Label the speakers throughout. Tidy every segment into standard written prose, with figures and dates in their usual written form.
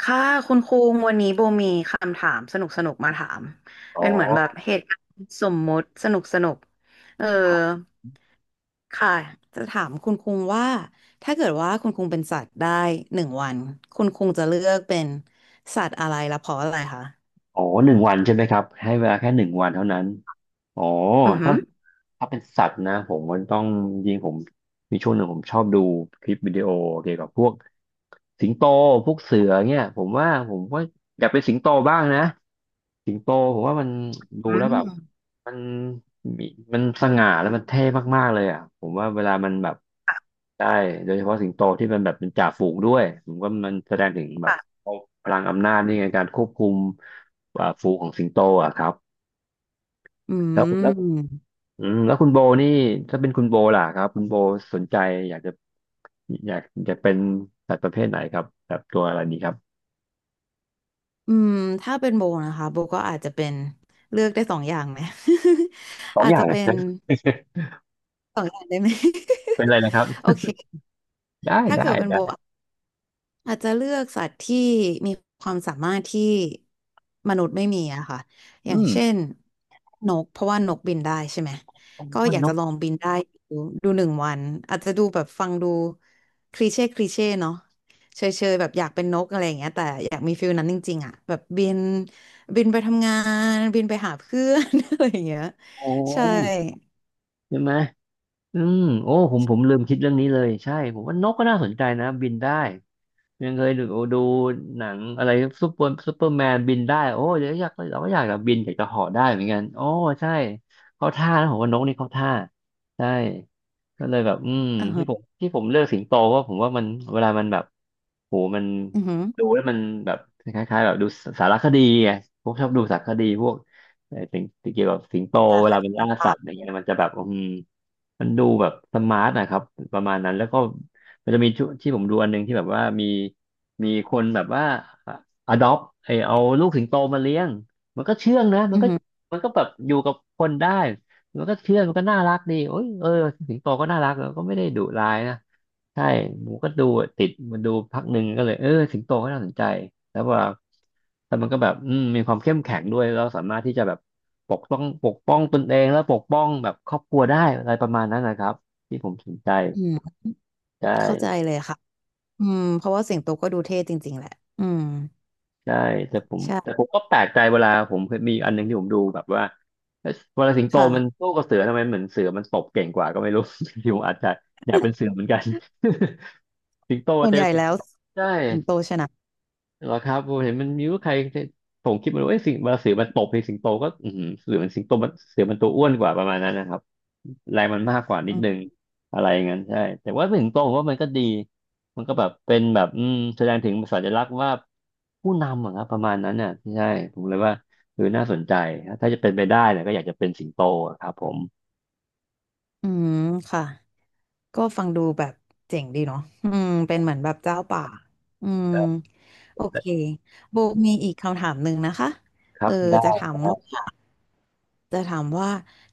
Speaker 1: ค่ะคุณคุงวันนี้โบมีคำถามสนุกสนุกมาถาม
Speaker 2: อ๋
Speaker 1: เป็นเหมือนแบบ
Speaker 2: อ
Speaker 1: เหตุการณ์สมมุติสนุกสนุกเออ
Speaker 2: ครับ
Speaker 1: ค่ะจะถามคุณคุงว่าถ้าเกิดว่าคุณคุงเป็นสัตว์ได้หนึ่งวันคุณคุงจะเลือกเป็นสัตว์อะไรและเพราะอะไรคะ
Speaker 2: อ๋อหนึ่งวันใช่ไหมครับให้เวลาแค่หนึ่งวันเท่านั้นอ๋อ
Speaker 1: อือหื
Speaker 2: ถ้า
Speaker 1: อ
Speaker 2: ถ้าเป็นสัตว์นะผมมันต้องยิงผมมีช่วงหนึ่งผมชอบดูคลิปวิดีโอเกี่ยวกับพวกสิงโตพวกเสือเนี่ยผมว่าผมก็อยากเป็นสิงโตบ้างนะสิงโตผมว่ามันดู
Speaker 1: อื
Speaker 2: แล้วแบบ
Speaker 1: ม
Speaker 2: มันมีมันสง่าแล้วมันเท่มากๆเลยอ่ะผมว่าเวลามันแบบได้โดยเฉพาะสิงโตที่มันแบบเป็นจ่าฝูงด้วยผมว่ามันแสดงถึงแบบ
Speaker 1: ค่ะ
Speaker 2: พลังอำนาจนี่ไงการควบคุมฝูงของสิงโตอ่ะครับ
Speaker 1: อื
Speaker 2: แล้วแล้ว
Speaker 1: ม
Speaker 2: อืมแล้วคุณโบนี่ถ้าเป็นคุณโบล่ะครับคุณโบสนใจอยากจะอยากอยากเป็นสัตว์ประเภทไหนครับแบบตัวอะไรดีครับ
Speaker 1: อืมถ้าเป็นโบนะคะโบก็อาจจะเป็นเลือกได้สองอย่างไหม
Speaker 2: ส อง
Speaker 1: อาจ
Speaker 2: อย่า
Speaker 1: จะ
Speaker 2: งะ
Speaker 1: เป็น 2 อย่างได้ไหม
Speaker 2: เป็นอะไรนะครับ
Speaker 1: โอเค
Speaker 2: ได้
Speaker 1: ถ้า
Speaker 2: ได้
Speaker 1: เกิดเป็นโบ
Speaker 2: ได้
Speaker 1: อาจจะเลือกสัตว์ที่มีความสามารถที่มนุษย์ไม่มีอะค่ะ อ
Speaker 2: อื
Speaker 1: ย่าง
Speaker 2: ม
Speaker 1: เช่นนกเพราะว่านกบินได้ใช่ไหม
Speaker 2: โอ้
Speaker 1: ก็
Speaker 2: อ
Speaker 1: อยาก
Speaker 2: น
Speaker 1: จะ
Speaker 2: ก
Speaker 1: ลองบินได้ดูดูหนึ่งวันอาจจะดูแบบฟังดูคลีเช่คลีเช่เนาะเชยเชยแบบอยากเป็นนกอะไรอย่างเงี้ยแต่อยากมีฟิลนั้นจริงๆอะแบบบินไปทำงานบินไปหาเพื่อน อะไรอย่างเงี้ย
Speaker 2: โอ้
Speaker 1: ใช่
Speaker 2: ใช่ไหมอืมโอ้ผมลืมคิดเรื่องนี้เลยใช่ผมว่านกก็น่าสนใจนะบินได้ ยังเคยดูหนังอะไรซูเปอร์แมนบินได้โอ้เดี๋ยวอยากเราก็อยากจบบินอยากจะเหาะได้เหมือนกันโอ้ใช่เข้าท่านะผมว่านกนี่เข้าท่าใช่ก็เลยแบบอืม
Speaker 1: อือฮึ
Speaker 2: ที่ผมเลือกสิงโตเพราะผมว่ามันเวลามันแบบโหมัน
Speaker 1: อือฮึ
Speaker 2: ดูแล้วมันแบบคล้ายๆแบบดูสารคดีไงผมชอบดูสารคดีพวกสิ่งี่งเกี่ยวกับสิงโต
Speaker 1: คา
Speaker 2: เว
Speaker 1: คา
Speaker 2: ลามันล่าสั
Speaker 1: ตา
Speaker 2: ตว์อะไรเงี้ยมันจะแบบอืมมันดูแบบสมาร์ทนะครับประมาณนั้นแล้วก็ มันจะมีชุที่ผมดูอันหนึงที่แบบว่ามีคนแบบว่าอ adopt ไอเอาลูกสิงโตมาเลี้ยงมันก็เชื่องนะมั
Speaker 1: อื
Speaker 2: น
Speaker 1: อ
Speaker 2: ก็
Speaker 1: ฮึ
Speaker 2: มันก็แบบอยู่กับคนได้มันก็เชื่องมันก็น่ารักดีโอ้ยเออสิงโตก็น่ารักแล้วก็ไม่ได้ดุร้ายนะใช่ผมก็ดูติดมันดูพักหนึ่งก็เลยเออสิงโตก็น่าสนใจแล้วว่าแต่มันก็แบบอืมมีความเข้มแข็งด้วยเราสามารถที่จะแบบปกป้องตนเองแล้วปกป้องแบบครอบครัวได้อะไรประมาณนั้นนะครับที่ผมสนใจ
Speaker 1: อืม
Speaker 2: ใช
Speaker 1: เข้าใจ
Speaker 2: ่
Speaker 1: เลยค่ะ อืมเพราะว่าสิงโตก็ดูเท่จริงๆแหละอืม
Speaker 2: ใช่แต่ผมแต่
Speaker 1: ใช่
Speaker 2: ผมก็แปลกใจเวลาผมเคยมีอันหนึงที่ผมดูแบบว่าเอ๊ะเวลาสิงโตมัน
Speaker 1: ค่ะ
Speaker 2: สู้กับเสือทำไมเหมือนเสือมันตบเก่งกว่าก็ไม่รู้ ที่ผมอาจจะอยากเป็นเสือเหมือนกัน สิงโต
Speaker 1: ส่ว
Speaker 2: เจ
Speaker 1: น
Speaker 2: อ
Speaker 1: ใหญ่
Speaker 2: เสือ
Speaker 1: แล้ว
Speaker 2: ใช่
Speaker 1: สิงโตชนะ
Speaker 2: เหรอครับผมเห็นมันมีว่าใครผมคิดมันว่าเอ้ยสิงมาเสือมันตบในสิงโตก็อือหือเสือมันสิงโตมันเสือมันตัวอ้วนกว่าประมาณนั้นนะครับแรงมันมากกว่านิ
Speaker 1: อื
Speaker 2: ดนึ
Speaker 1: ม
Speaker 2: งอะไรอย่างนั้นใช่แต่ว่าสิงโตผมว่ามันก็ดีมันก็แบบเป็นแบบอืมแสดงถึงสัญลักษณ์ว่าผู้นำอะครับประมาณนั้นน่ะใช่ผมเลยว่าคืออน่าสนใจถ้าจะเป็นไปได้เนี่ยก็อยากจะเป็นสิงโตอะครับผม
Speaker 1: อืมค่ะก็ฟังดูแบบเจ๋งดีเนาะอืมเป็นเหมือนแบบเจ้าป่าอืมโอเคโบมีอีกคำถามหนึ่งนะคะ
Speaker 2: ครั
Speaker 1: เอ
Speaker 2: บ
Speaker 1: อ
Speaker 2: ได้
Speaker 1: จะถามว่
Speaker 2: ได้
Speaker 1: าจะถามว่า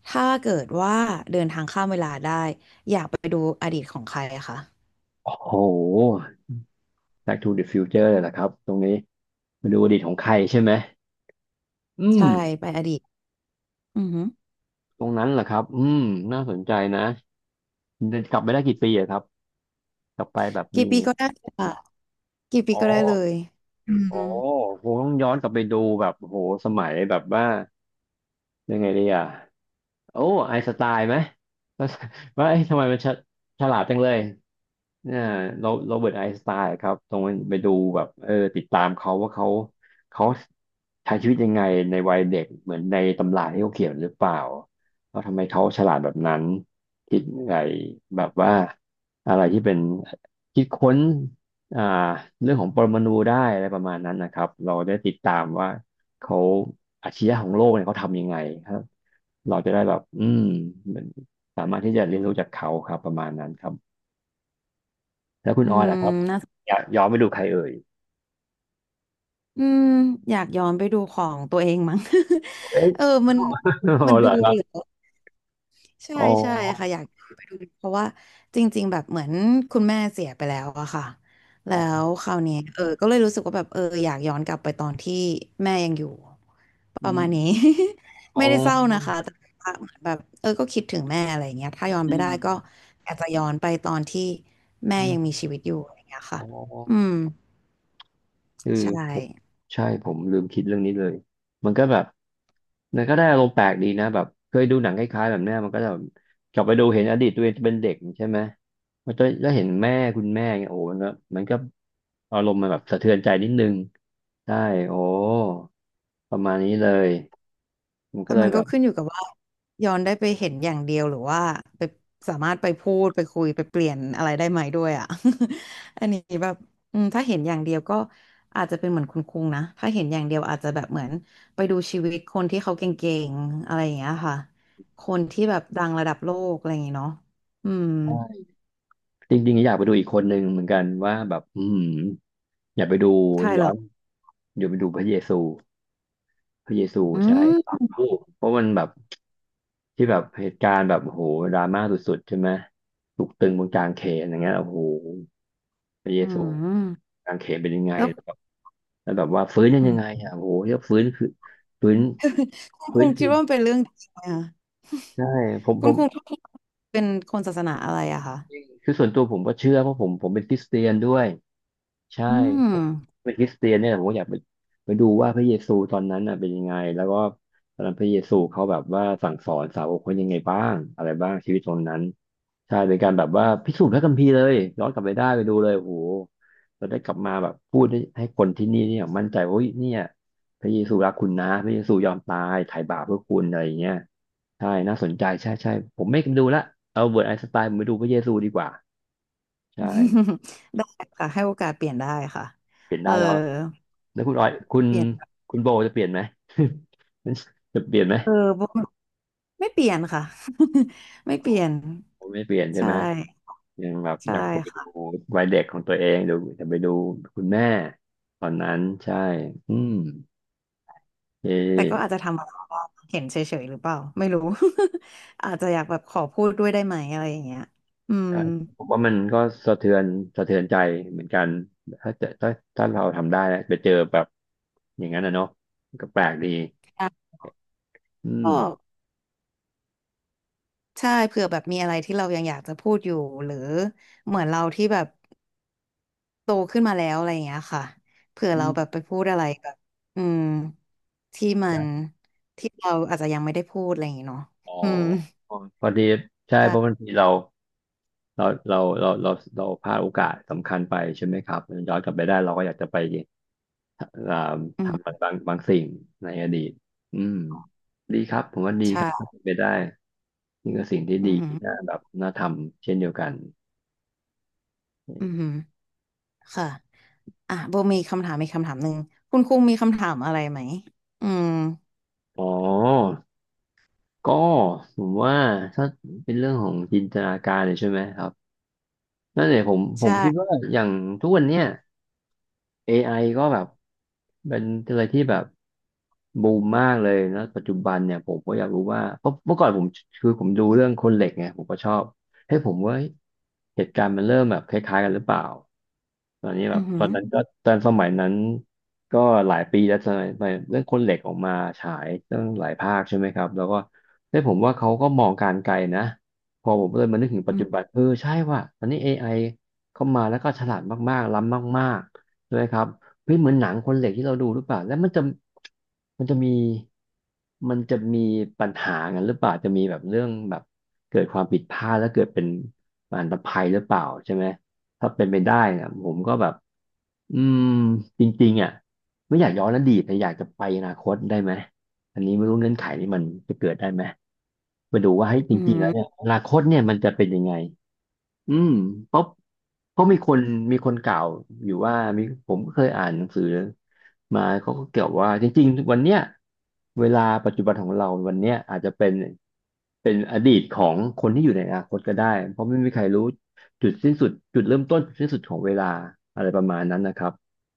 Speaker 1: ถ้าเกิดว่าเดินทางข้ามเวลาได้อยากไปดูอดีตของใครอะคะ
Speaker 2: โอ้โห Back to the Future เลยนะครับตรงนี้มาดูอดีตของใครใช่ไหมอืม
Speaker 1: ใช่ไปอดีตอือหือ
Speaker 2: ตรงนั้นเหรอครับ อืมน่าสนใจนะกลับไปได้กี่ปีอะครับ กลับไปแบบ
Speaker 1: กี่
Speaker 2: มี
Speaker 1: ปีก็ได้ค่ะกี่ปี
Speaker 2: อ๋อ
Speaker 1: ก็ได้เลยอื
Speaker 2: อ๋
Speaker 1: ม
Speaker 2: อคงต้องย้อนกลับไปดูแบบโหสมัยแบบว่ายังไงดีอะ โอ้ไอน์สไตล์ไหมว่าว่า เอ๊ะทำไมมันฉฉลาดจังเลยเนี่ยโรโรเบิร์ตไอน์สไตน์ครับตรงไปดูแบบเออติดตามเขาว่าเขาใช้ชีวิตยังไงในวัยเด็กเหมือนในตำราที่เขาเขียนหรือเปล่าแล้วทำไมเขาฉลาดแบบนั้นคิดไงแบบว่าอะไรที่เป็นคิดค้นอ่าเรื่องของปรมาณูได้อะไรประมาณนั้นนะครับเราได้ติดตามว่าเขาอาชญะของโลกเนี่ยเขาทำยังไงครับ เราจะได้แบบอืมเหมือนสามารถที่จะเรียนรู้จากเขาครับประมาณนั้นครับแล้วคุณ
Speaker 1: อื
Speaker 2: ออย
Speaker 1: ม
Speaker 2: ล่ะครับ
Speaker 1: นะ
Speaker 2: อยากย้อนไปดูใครเอ่ย
Speaker 1: อืมอยากย้อนไปดูของตัวเองมั้ง
Speaker 2: เอ๊ะ
Speaker 1: เออมัน
Speaker 2: อ๋ อ
Speaker 1: มัน
Speaker 2: เหร
Speaker 1: ดู
Speaker 2: อครั
Speaker 1: เหร
Speaker 2: บ
Speaker 1: อใช่
Speaker 2: อ๋อ
Speaker 1: ใช่ค่ะอยากไปดูเพราะว่าจริงๆแบบเหมือนคุณแม่เสียไปแล้วอะค่ะ
Speaker 2: อ๋
Speaker 1: แล้
Speaker 2: อ
Speaker 1: วคราวนี้ก็เลยรู้สึกว่าแบบอยากย้อนกลับไปตอนที่แม่ยังอยู่
Speaker 2: อื
Speaker 1: ประมาณนี้
Speaker 2: ม อ๋
Speaker 1: ไม่
Speaker 2: อ
Speaker 1: ได้เศร้านะคะแต่ว่าเหมือนแบบก็คิดถึงแม่อะไรอย่างเงี้ยถ้าย้อน
Speaker 2: อื
Speaker 1: ไปได้
Speaker 2: ม
Speaker 1: ก็อยากจะย้อนไปตอนที่แม่
Speaker 2: อื
Speaker 1: ยังมี
Speaker 2: ม
Speaker 1: ชีวิตอยู่อะไรอย่างเงี้ยค่ะ
Speaker 2: อ๋อ
Speaker 1: อืม
Speaker 2: คือ
Speaker 1: ใช่
Speaker 2: ผมใช่ผมลืมคิดเรื่องนี้เลยมันก็แบบมันก็ได้อารมณ์แปลกดีนะแบบเคยดูหนังคล้ายๆแบบเนี้ยมันก็จะแบบกลับไปดูเห็นอดีตตัวเองเป็นเด็กใช่ไหมมันจะแล้วเห็นแม่คุณแม่เงี้ยโอ้มันก็อารมณ์มันแบบสะเทือนใจนิดนึงใช่โอ้ประมาณนี้เลยมัน
Speaker 1: แล้
Speaker 2: ก็
Speaker 1: ว
Speaker 2: เล
Speaker 1: มั
Speaker 2: ย
Speaker 1: น
Speaker 2: แบ
Speaker 1: ก็
Speaker 2: บ
Speaker 1: ขึ้นอยู่กับว่าย้อนได้ไปเห็นอย่างเดียวหรือว่าไปสามารถไปพูดไปคุยไปเปลี่ยนอะไรได้ไหมด้วยอ่ะ อันนี้แบบอืมถ้าเห็นอย่างเดียวก็อาจจะเป็นเหมือนคุณคุงนะถ้าเห็นอย่างเดียวอาจจะแบบเหมือนไปดูชีวิตคนที่เขาเก่งๆอะไรอย่างเงี้ยค่ะคนที่แบบดังระดับโลกอะไรอย่างเงี้ยเนาะอืม
Speaker 2: ใช่จริงๆอยากไปดูอีกคนหนึ่งเหมือนกันว่าแบบอืมอยากไปดู
Speaker 1: ใช่ห
Speaker 2: ย้
Speaker 1: ร
Speaker 2: อ
Speaker 1: อก
Speaker 2: นอยากไปดูพระเยซู
Speaker 1: อื
Speaker 2: ใช่
Speaker 1: ม
Speaker 2: โอ้เพราะมันแบบ ที่แบบเหตุการณ์แบบโอ้โหดราม่าสุดๆใช่ไหมถูกตึงบนกลางเขนอย่างเงี้ยโอ้โหพระเย
Speaker 1: อื
Speaker 2: ซู
Speaker 1: ม
Speaker 2: กลางเขนเป็นยังไง
Speaker 1: แล้ว
Speaker 2: แบบแล้วแบบว่าฟื้นยั
Speaker 1: อืม
Speaker 2: งไงอ่ะโอ้โหเรียกฟื้นคือฟื้น
Speaker 1: คุณ
Speaker 2: ฟื้
Speaker 1: คุ
Speaker 2: น
Speaker 1: ง
Speaker 2: จ
Speaker 1: คิด
Speaker 2: ริง
Speaker 1: ว่ามันเป็นเรื่องจริงไหมคะ
Speaker 2: ใช่ผม
Speaker 1: คุ
Speaker 2: ผ
Speaker 1: ณ
Speaker 2: ม
Speaker 1: คุงเป็นคนศาสนาอะไรอะคะ
Speaker 2: คือส่วนตัวผมก็เชื่อเพราะผมเป็นคริสเตียนด้วย ใช่
Speaker 1: อืม
Speaker 2: ผมเป็นคริสเตียนเนี่ยผมก็อยากไปไปดูว่าพระเยซูตอนนั้นน่ะเป็นยังไงแล้วก็ตอนนั้นพระเยซูเขาแบบว่าสั่งสอนสาวกเขายังไงบ้างอะไรบ้างชีวิตตอนนั้นใช่เป็นการแบบว่าพิสูจน์พระคัมภีร์เลยย้อนกลับไปได้ไปดูเลยโอ้โหเราได้กลับมาแบบพูดให้คนที่นี่เนี่ยมั่นใจว่าเฮ้ยเนี่ยพระเยซูรักคุณนะพระเยซูยอมตายไถ่บาปเพื่อคุณอะไรอย่างเงี้ยใช่น่าสนใจใช่ใช่ผมไม่ดูละเอาเบิร์ตไอน์สไตน์ผมไปดูพระเยซูดีกว่าใช่
Speaker 1: ได้ค่ะให้โอกาสเปลี่ยนได้ค่ะ
Speaker 2: เปลี่ยน
Speaker 1: เออ
Speaker 2: ได้เนาะ แล้วคุณออยคุณ
Speaker 1: เปลี่ยน
Speaker 2: คุณโบจะเปลี่ยนไหม จะเปลี่ยนไหม
Speaker 1: เออบ่ไม่เปลี่ยนค่ะ ไม่เปลี่ยน
Speaker 2: ผมไม่เปลี่ยนใช่
Speaker 1: ใช่
Speaker 2: ไหมยังแบบอ
Speaker 1: ใช่
Speaker 2: ยากกลับไปดู
Speaker 1: ค่ะ
Speaker 2: วัยเด็กของตัวเองเดี๋ยวจะไปดูคุณแม่ตอนนั้นใช่อืมเอ
Speaker 1: แต่ก็อาจ
Speaker 2: อ
Speaker 1: จะทำอะไรบ้างเห็นเฉยๆหรือเปล่าไม่รู้ อาจจะอยากแบบขอพูดด้วยได้ไหมอะไรอย่างเงี้ยอืม
Speaker 2: ใช่ผมว่ามันก็สะเทือนสะเทือนใจเหมือนกันถ้าเจะถ้าถ้าเราทำได้นะไปเจอแบบอย่างนั้นนะเนาะก็แปลกดี
Speaker 1: อ่ะ
Speaker 2: อืม
Speaker 1: ก็ใช่เผื่อแบบมีอะไรที่เรายังอยากจะพูดอยู่หรือเหมือนเราที่แบบ โตขึ้นมาแล้วอะไรอย่างเงี้ยค่ะเผื่อ
Speaker 2: อื
Speaker 1: เรา
Speaker 2: ม
Speaker 1: แบบไปพูดอะไรแบบอืมที่มันที่เราอาจจะยังไม่ได้พูดอะไรอย่างเงี้ยเนาะ
Speaker 2: อ๋อ
Speaker 1: อืม
Speaker 2: พอดีใช่เพราะบา
Speaker 1: ใช่
Speaker 2: งทีเราเราเราเราเราเราพลาดโอกาสสำคัญไปใช่ไหมครับย้อนกลับไปได้เราก็อยากจะไปอ่า
Speaker 1: อื
Speaker 2: ทำมั
Speaker 1: ม
Speaker 2: นบางสิ่งในอดีตอืมดีครับผมว่าดีครับถ้า
Speaker 1: ใช่
Speaker 2: เป็นไปได้นี่ก็สิ่งที่
Speaker 1: อื
Speaker 2: ดีที่น่า
Speaker 1: ม
Speaker 2: แบบน่าทำเช่นเดียวกัน
Speaker 1: อืมค่ะอ่ะโบมีคำถามมีกคำถามหนึ่งคุณคุงมีคำถามอะไรไหมอืม
Speaker 2: อ๋อก็ผมว่าถ้าเป็นเรื่องของจินตนาการเนี่ยใช่ไหมครับนั่นเนี่ยผมผมคิด
Speaker 1: ใช่
Speaker 2: ว่าอย่างทุกวันเนี้ย AI ก็แบบเป็นอะไรที่แบบบูมมากเลยนะปัจจุบันเนี่ยผมก็อยากรู้ว่าเพราะเมื่อก่อนผมคือผมดูเรื่องคนเหล็กไงผมก็ชอบให้ยผมว่าเหตุการณ์มันเริ่มแบบคล้ายๆกันหรือเปล่าตอนนี้แบ
Speaker 1: อื
Speaker 2: บตอนนั้น
Speaker 1: ม
Speaker 2: ก็ตอนสมัยนั้นก็หลายปีแล้วสมัยเรื่องคนเหล็กออกมาฉายตั้งหลายภาคใช่ไหมครับแล้วก็ได้ยผมว่าเขาก็มองการไกลนะพอผมเลยมานึกถึง
Speaker 1: อ
Speaker 2: ปั
Speaker 1: อื
Speaker 2: จจุ
Speaker 1: ม
Speaker 2: บันเออใช่ว่ะตอนนี้ AI เข้ามาแล้วก็ฉลาดมากๆล้ำมากๆ ใช่ไหมครับเฮ้ยเหมือนหนังคนเหล็กที่เราดูหรือเปล่าแล้วมันจะมีมันจะมีปัญหากันหรือเปล่าจะมีแบบเรื่องแบบเกิดความผิดพลาดแล้วเกิดเป็นอันตภัยหรือเปล่าใช่ไหมถ้าเป็นไปได้นะผมก็แบบอืมจริงๆอ่ะไม่อยากย้อนอดีตแต่อยากจะไปอนาคตได้ไหมอันนี้ไม่รู้เงื่อนไขนี้มันจะเกิดได้ไหมไปดูว่าให้ยจ
Speaker 1: อื
Speaker 2: ริงๆแล้วเนี่ย
Speaker 1: ม
Speaker 2: อนาคตเนี่ยมันจะเป็นยังไง อืมเพราะเพราะมีคนกล่าวอยู่ว่ามีผมก็เคยอ่านหนังสือมาเขาก็เกี่ยวว่าจริงๆวันเนี้ยเวลาปัจจุบันของเราวันเนี้ยอาจจะเป็นเป็นอดีตของคนที่อยู่ในอนาคตก็ได้เพราะไม่มีใครรู้จุดสิ้นสุดจุดเริ่มต้นจุดสิ้นสุดของเวลาอะไรประมาณนั้นนะครับ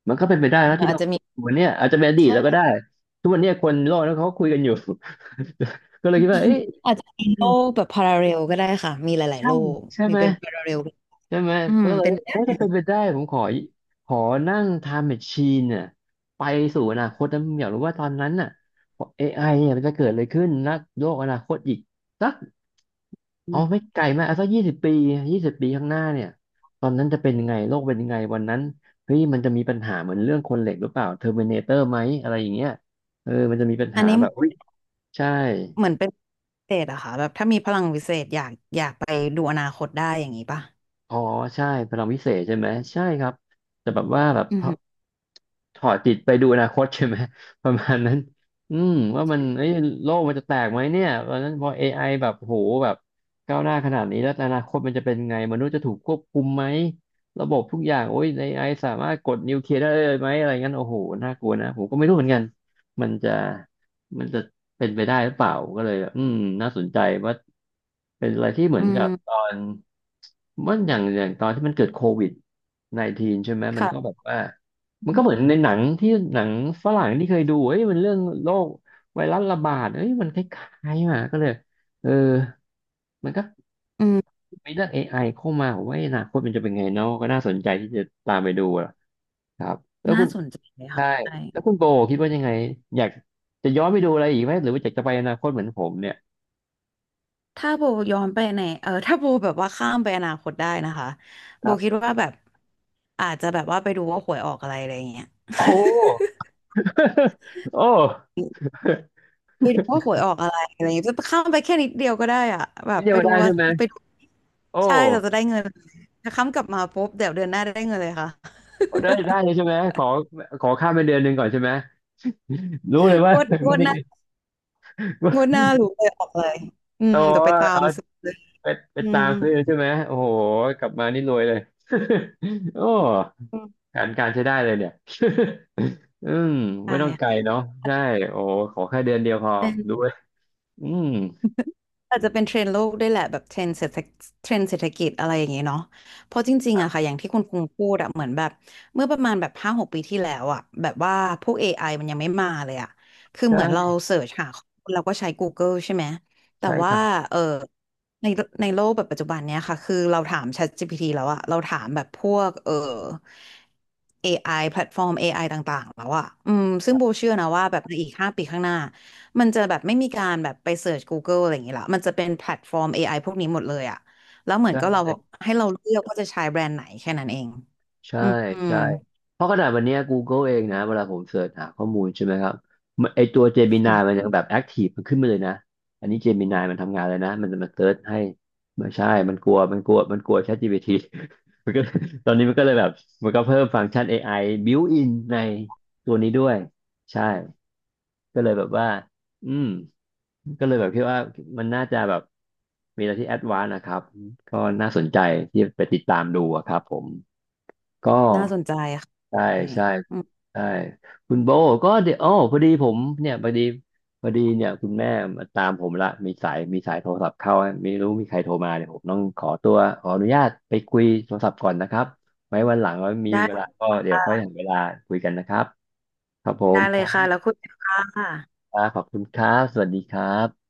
Speaker 2: มันก็เป็นไปได้นะที่
Speaker 1: อาจ
Speaker 2: เรา
Speaker 1: จะมี
Speaker 2: วันเนี้ยอาจจะเป็นอดีตแล้วก็
Speaker 1: ใช่
Speaker 2: ได้ทุกวันเนี้ยคนโลกนั้นเขาก็คุยกันอยู่ ก็เลยคิดว่าเอ๊ะ
Speaker 1: อาจจะมีโลกแบบพาราเรลก็ได้ค่ะมีหลายๆ
Speaker 2: ใช่
Speaker 1: โลก
Speaker 2: ใช่
Speaker 1: มี
Speaker 2: ไหม
Speaker 1: เป็นพาราเรล
Speaker 2: ใช่ไหม
Speaker 1: อืม
Speaker 2: แล้วเรา
Speaker 1: เป็น
Speaker 2: ถ้าจะเป็นไปได้ผมขอนั่ง t ท m e แ a c ช i น e น่ะไปสู่อนาคตนะผมอยากรู้ว่าตอนนั้นน่ะ AI เนี่ยมันจะเกิดอะไรขึ้นนะโลกอนาคตอีกสัก
Speaker 1: อ
Speaker 2: เอา
Speaker 1: ม
Speaker 2: ไม่ไกลมากเอาสักยี่สิบปียี่สิบปีข้างหน้าเนี่ยตอนนั้นจะเป็นยังไงโลกเป็นยังไงวันนั้นเฮ้ยมันจะมีปัญหาเหมือนเรื่องคนเหล็กหรือเปล่าเทอร์มินาเตอร์ไหมอะไรอย่างเงี้ยเออมันจะมีปัญ
Speaker 1: อัน
Speaker 2: หา
Speaker 1: นี้
Speaker 2: แบบอุ้ยใช่
Speaker 1: เหมือนเป็นพิเศษอะค่ะแบบถ้ามีพลังวิเศษอยากอยากไปดูอนาคตได้อย่างนี้ป่ะ
Speaker 2: อ๋อใช่พลังวิเศษใช่ไหมใช่ครับแต่แบบว่าแบบ
Speaker 1: อื
Speaker 2: พอ
Speaker 1: ม
Speaker 2: ถอดจิตไปดูอนาคต ใช่ไหม ประมาณนั้นอืมว่ามันเอ้ยโลกมันจะแตกไหมเนี่ยตอนนั้นพอ AI แบบโหแบบก้าวหน้าขนาดนี้แล้วอนาคตมันจะเป็นไงมนุษย์จะถูกควบคุมไหมระบบทุกอย่างโอ้ย AI สามารถกดนิวเคลียร์ได้เลยไหมอะไรงั้นโอ้โหน่ากลัวนะผมก็ไม่รู้เหมือนกันมันจะมันจะเป็นไปได้หรือเปล่าก็เลยแบบน่าสนใจว่าเป็นอะไรที่เหมื
Speaker 1: อื
Speaker 2: อนกับตอ
Speaker 1: ม
Speaker 2: น ว่าอย่างตอนที่มันเกิดCOVID-19 ใช่ไหมมันก็
Speaker 1: ค่ะ
Speaker 2: แบบว่ามันก็เหมือนในหนังที่หนังฝรั่งที่เคยดูเอ้ยมันเรื่องโรคไวรัสระบาดเอ้ยมันคล้ายๆมาก็เลยเออมันก็
Speaker 1: อืม
Speaker 2: มีเรื่อง AI เข้ามาผมว่าอนาคตมันจะเป็นไงเนาะก็น่าสนใจที่จะตามไปดูอะครับแล้ว
Speaker 1: น่า
Speaker 2: คุณ
Speaker 1: สนใจเลยค่ะ
Speaker 2: ใช่
Speaker 1: ใช่
Speaker 2: แล้วคุณโบคิ
Speaker 1: อื
Speaker 2: ดว่า
Speaker 1: ม
Speaker 2: ยังไงอยากจะย้อนไปดูอะไรอีกไหมหรือว่าอยากจะไปอนาคตเหมือนผมเนี่ย
Speaker 1: ถ้าโบย้อนไปในเออถ้าโบแบบว่าข้ามไปอนาคตได้นะคะ
Speaker 2: ค
Speaker 1: โบ
Speaker 2: รั
Speaker 1: คิด
Speaker 2: บ
Speaker 1: ว่าแบบอาจจะแบบว่าไปดูว่าหวยออกอะไรอะไรอย่างเงี้ย
Speaker 2: โอ้ โอ้
Speaker 1: ไปดูว่าหวยออกอะไรอะไรอย่างเงี้ยจะข้ามไปแค่นิดเดียวก็ได้อะแบบ
Speaker 2: เดี
Speaker 1: ไป
Speaker 2: ยว
Speaker 1: ดู
Speaker 2: ได้
Speaker 1: ว่า
Speaker 2: ใช่ไหม
Speaker 1: ไปดู
Speaker 2: โอ้
Speaker 1: ใช่เราจะได้เงินถ้าข้ามกลับมาปุ๊บเดี๋ยวเดือนหน้าได้เงินเลยค่ะ
Speaker 2: ได้ได้เลยใช่ไหมขอข้ามไปเดือนหนึ่งก่อนใช่ไหมรู้เลย
Speaker 1: ง
Speaker 2: ว่า
Speaker 1: วดง
Speaker 2: ไม่
Speaker 1: ว ด
Speaker 2: ได้
Speaker 1: หน้า งวดหน้ารู้เลยออกเลยอืม
Speaker 2: โอ้
Speaker 1: เดี๋ยวไปตา
Speaker 2: เอา
Speaker 1: มซื้อเลย
Speaker 2: ไปไป
Speaker 1: อื
Speaker 2: ตา
Speaker 1: ม
Speaker 2: มซื้อใช่ไหมโอ้โหกลับมานี่รวยเลย โอ้
Speaker 1: อืม
Speaker 2: การการใช้ได้เลยเนี่ย อืมไม่ต้องไกล
Speaker 1: ได้
Speaker 2: เนาะใช่โอ้ขอแค่เดือนเดียวพอรู้เลยอืม
Speaker 1: อาจจะเป็นเทรนด์โลกด้วยแหละแบบเทรนด์เศรษฐเทรนด์เศรษฐกิจอะไรอย่างเงี้ยเนาะเพราะจริงๆอะค่ะอย่างที่คุณกรุงพูดอะเหมือนแบบเมื่อประมาณแบบ5-6 ปีที่แล้วอะแบบว่าพวก AI มันยังไม่มาเลยอะคือเหมือนเรา
Speaker 2: ใช่
Speaker 1: เสิร์ชหาข้อมูลเราก็ใช้ Google ใช่ไหมแต่
Speaker 2: ใช่ค
Speaker 1: ว่า
Speaker 2: รับ
Speaker 1: เออในในโลกแบบปัจจุบันเนี้ยค่ะคือเราถาม ChatGPT แล้วอะเราถามแบบพวกเออ AI แพลตฟอร์ม AI ต่างๆแล้วอะอืมซึ่งโบเชื่อนะว่าแบบในอีก5 ปีข้างหน้า มันจะแบบไม่มีการแบบไปเสิร์ช Google อะไรอย่างงี้ละ มันจะเป็นแพลตฟอร์ม AI พวกนี้หมดเลยอะแล้วเห
Speaker 2: ใช
Speaker 1: มือนก็เรา
Speaker 2: ่
Speaker 1: ให้เราเลือกว่าจะใช้แบรนด์ไหนแค่นั้นเอง
Speaker 2: ใช่
Speaker 1: อืมอืม
Speaker 2: ใช่เพราะขนาดวันเนี้ย Google เองนะเวลาผมเสิร์ชหาข้อมูลใช่ไหมครับมันไอตัว Gemini
Speaker 1: อื
Speaker 2: มัน
Speaker 1: ม
Speaker 2: ยังแบบแอคทีฟมันขึ้นมาเลยนะอันนี้ Gemini มันทำงานเลยนะมันจะมาเสิร์ชให้ไม่ใช่ มันกลัว ChatGPT มันก็ตอนนี้มันก็เลยแบบมันก็เพิ่มฟังก์ชัน AI built in ในตัวนี้ด้วยใช่ก็เลยแบบว่าอืมก็เลยแบบคิดว่ามันน่าจะแบบมีอะไรที่แอดวานซ์นะครับก็น่าสนใจที่ไปติดตามดูอะครับผม ก็
Speaker 1: น่าสนใจค่ะ
Speaker 2: ใช่
Speaker 1: ใช่
Speaker 2: ใช่
Speaker 1: อืม
Speaker 2: ใช่คุณโบก็เดี๋ยวอ๋อพอดีผมเนี่ยพอดีเนี่ยคุณแม่มาตามผมละมีสายโทรศัพท์เข้าไม่รู้มีใครโทรมาเนี่ยผมต้องขอตัวขออนุญาตไปคุยโทรศัพท์ก่อนนะครับไว้วันหลังว่ามี
Speaker 1: ได้
Speaker 2: เวลาก็เดี๋ยวค่อยหาเวลาคุยกันนะครับครับผ
Speaker 1: ได้
Speaker 2: ม
Speaker 1: เล
Speaker 2: ค
Speaker 1: ยค่ะ
Speaker 2: รั
Speaker 1: แล้วคุยกันค่ะ
Speaker 2: บขอบคุณครับสวัสดีครับ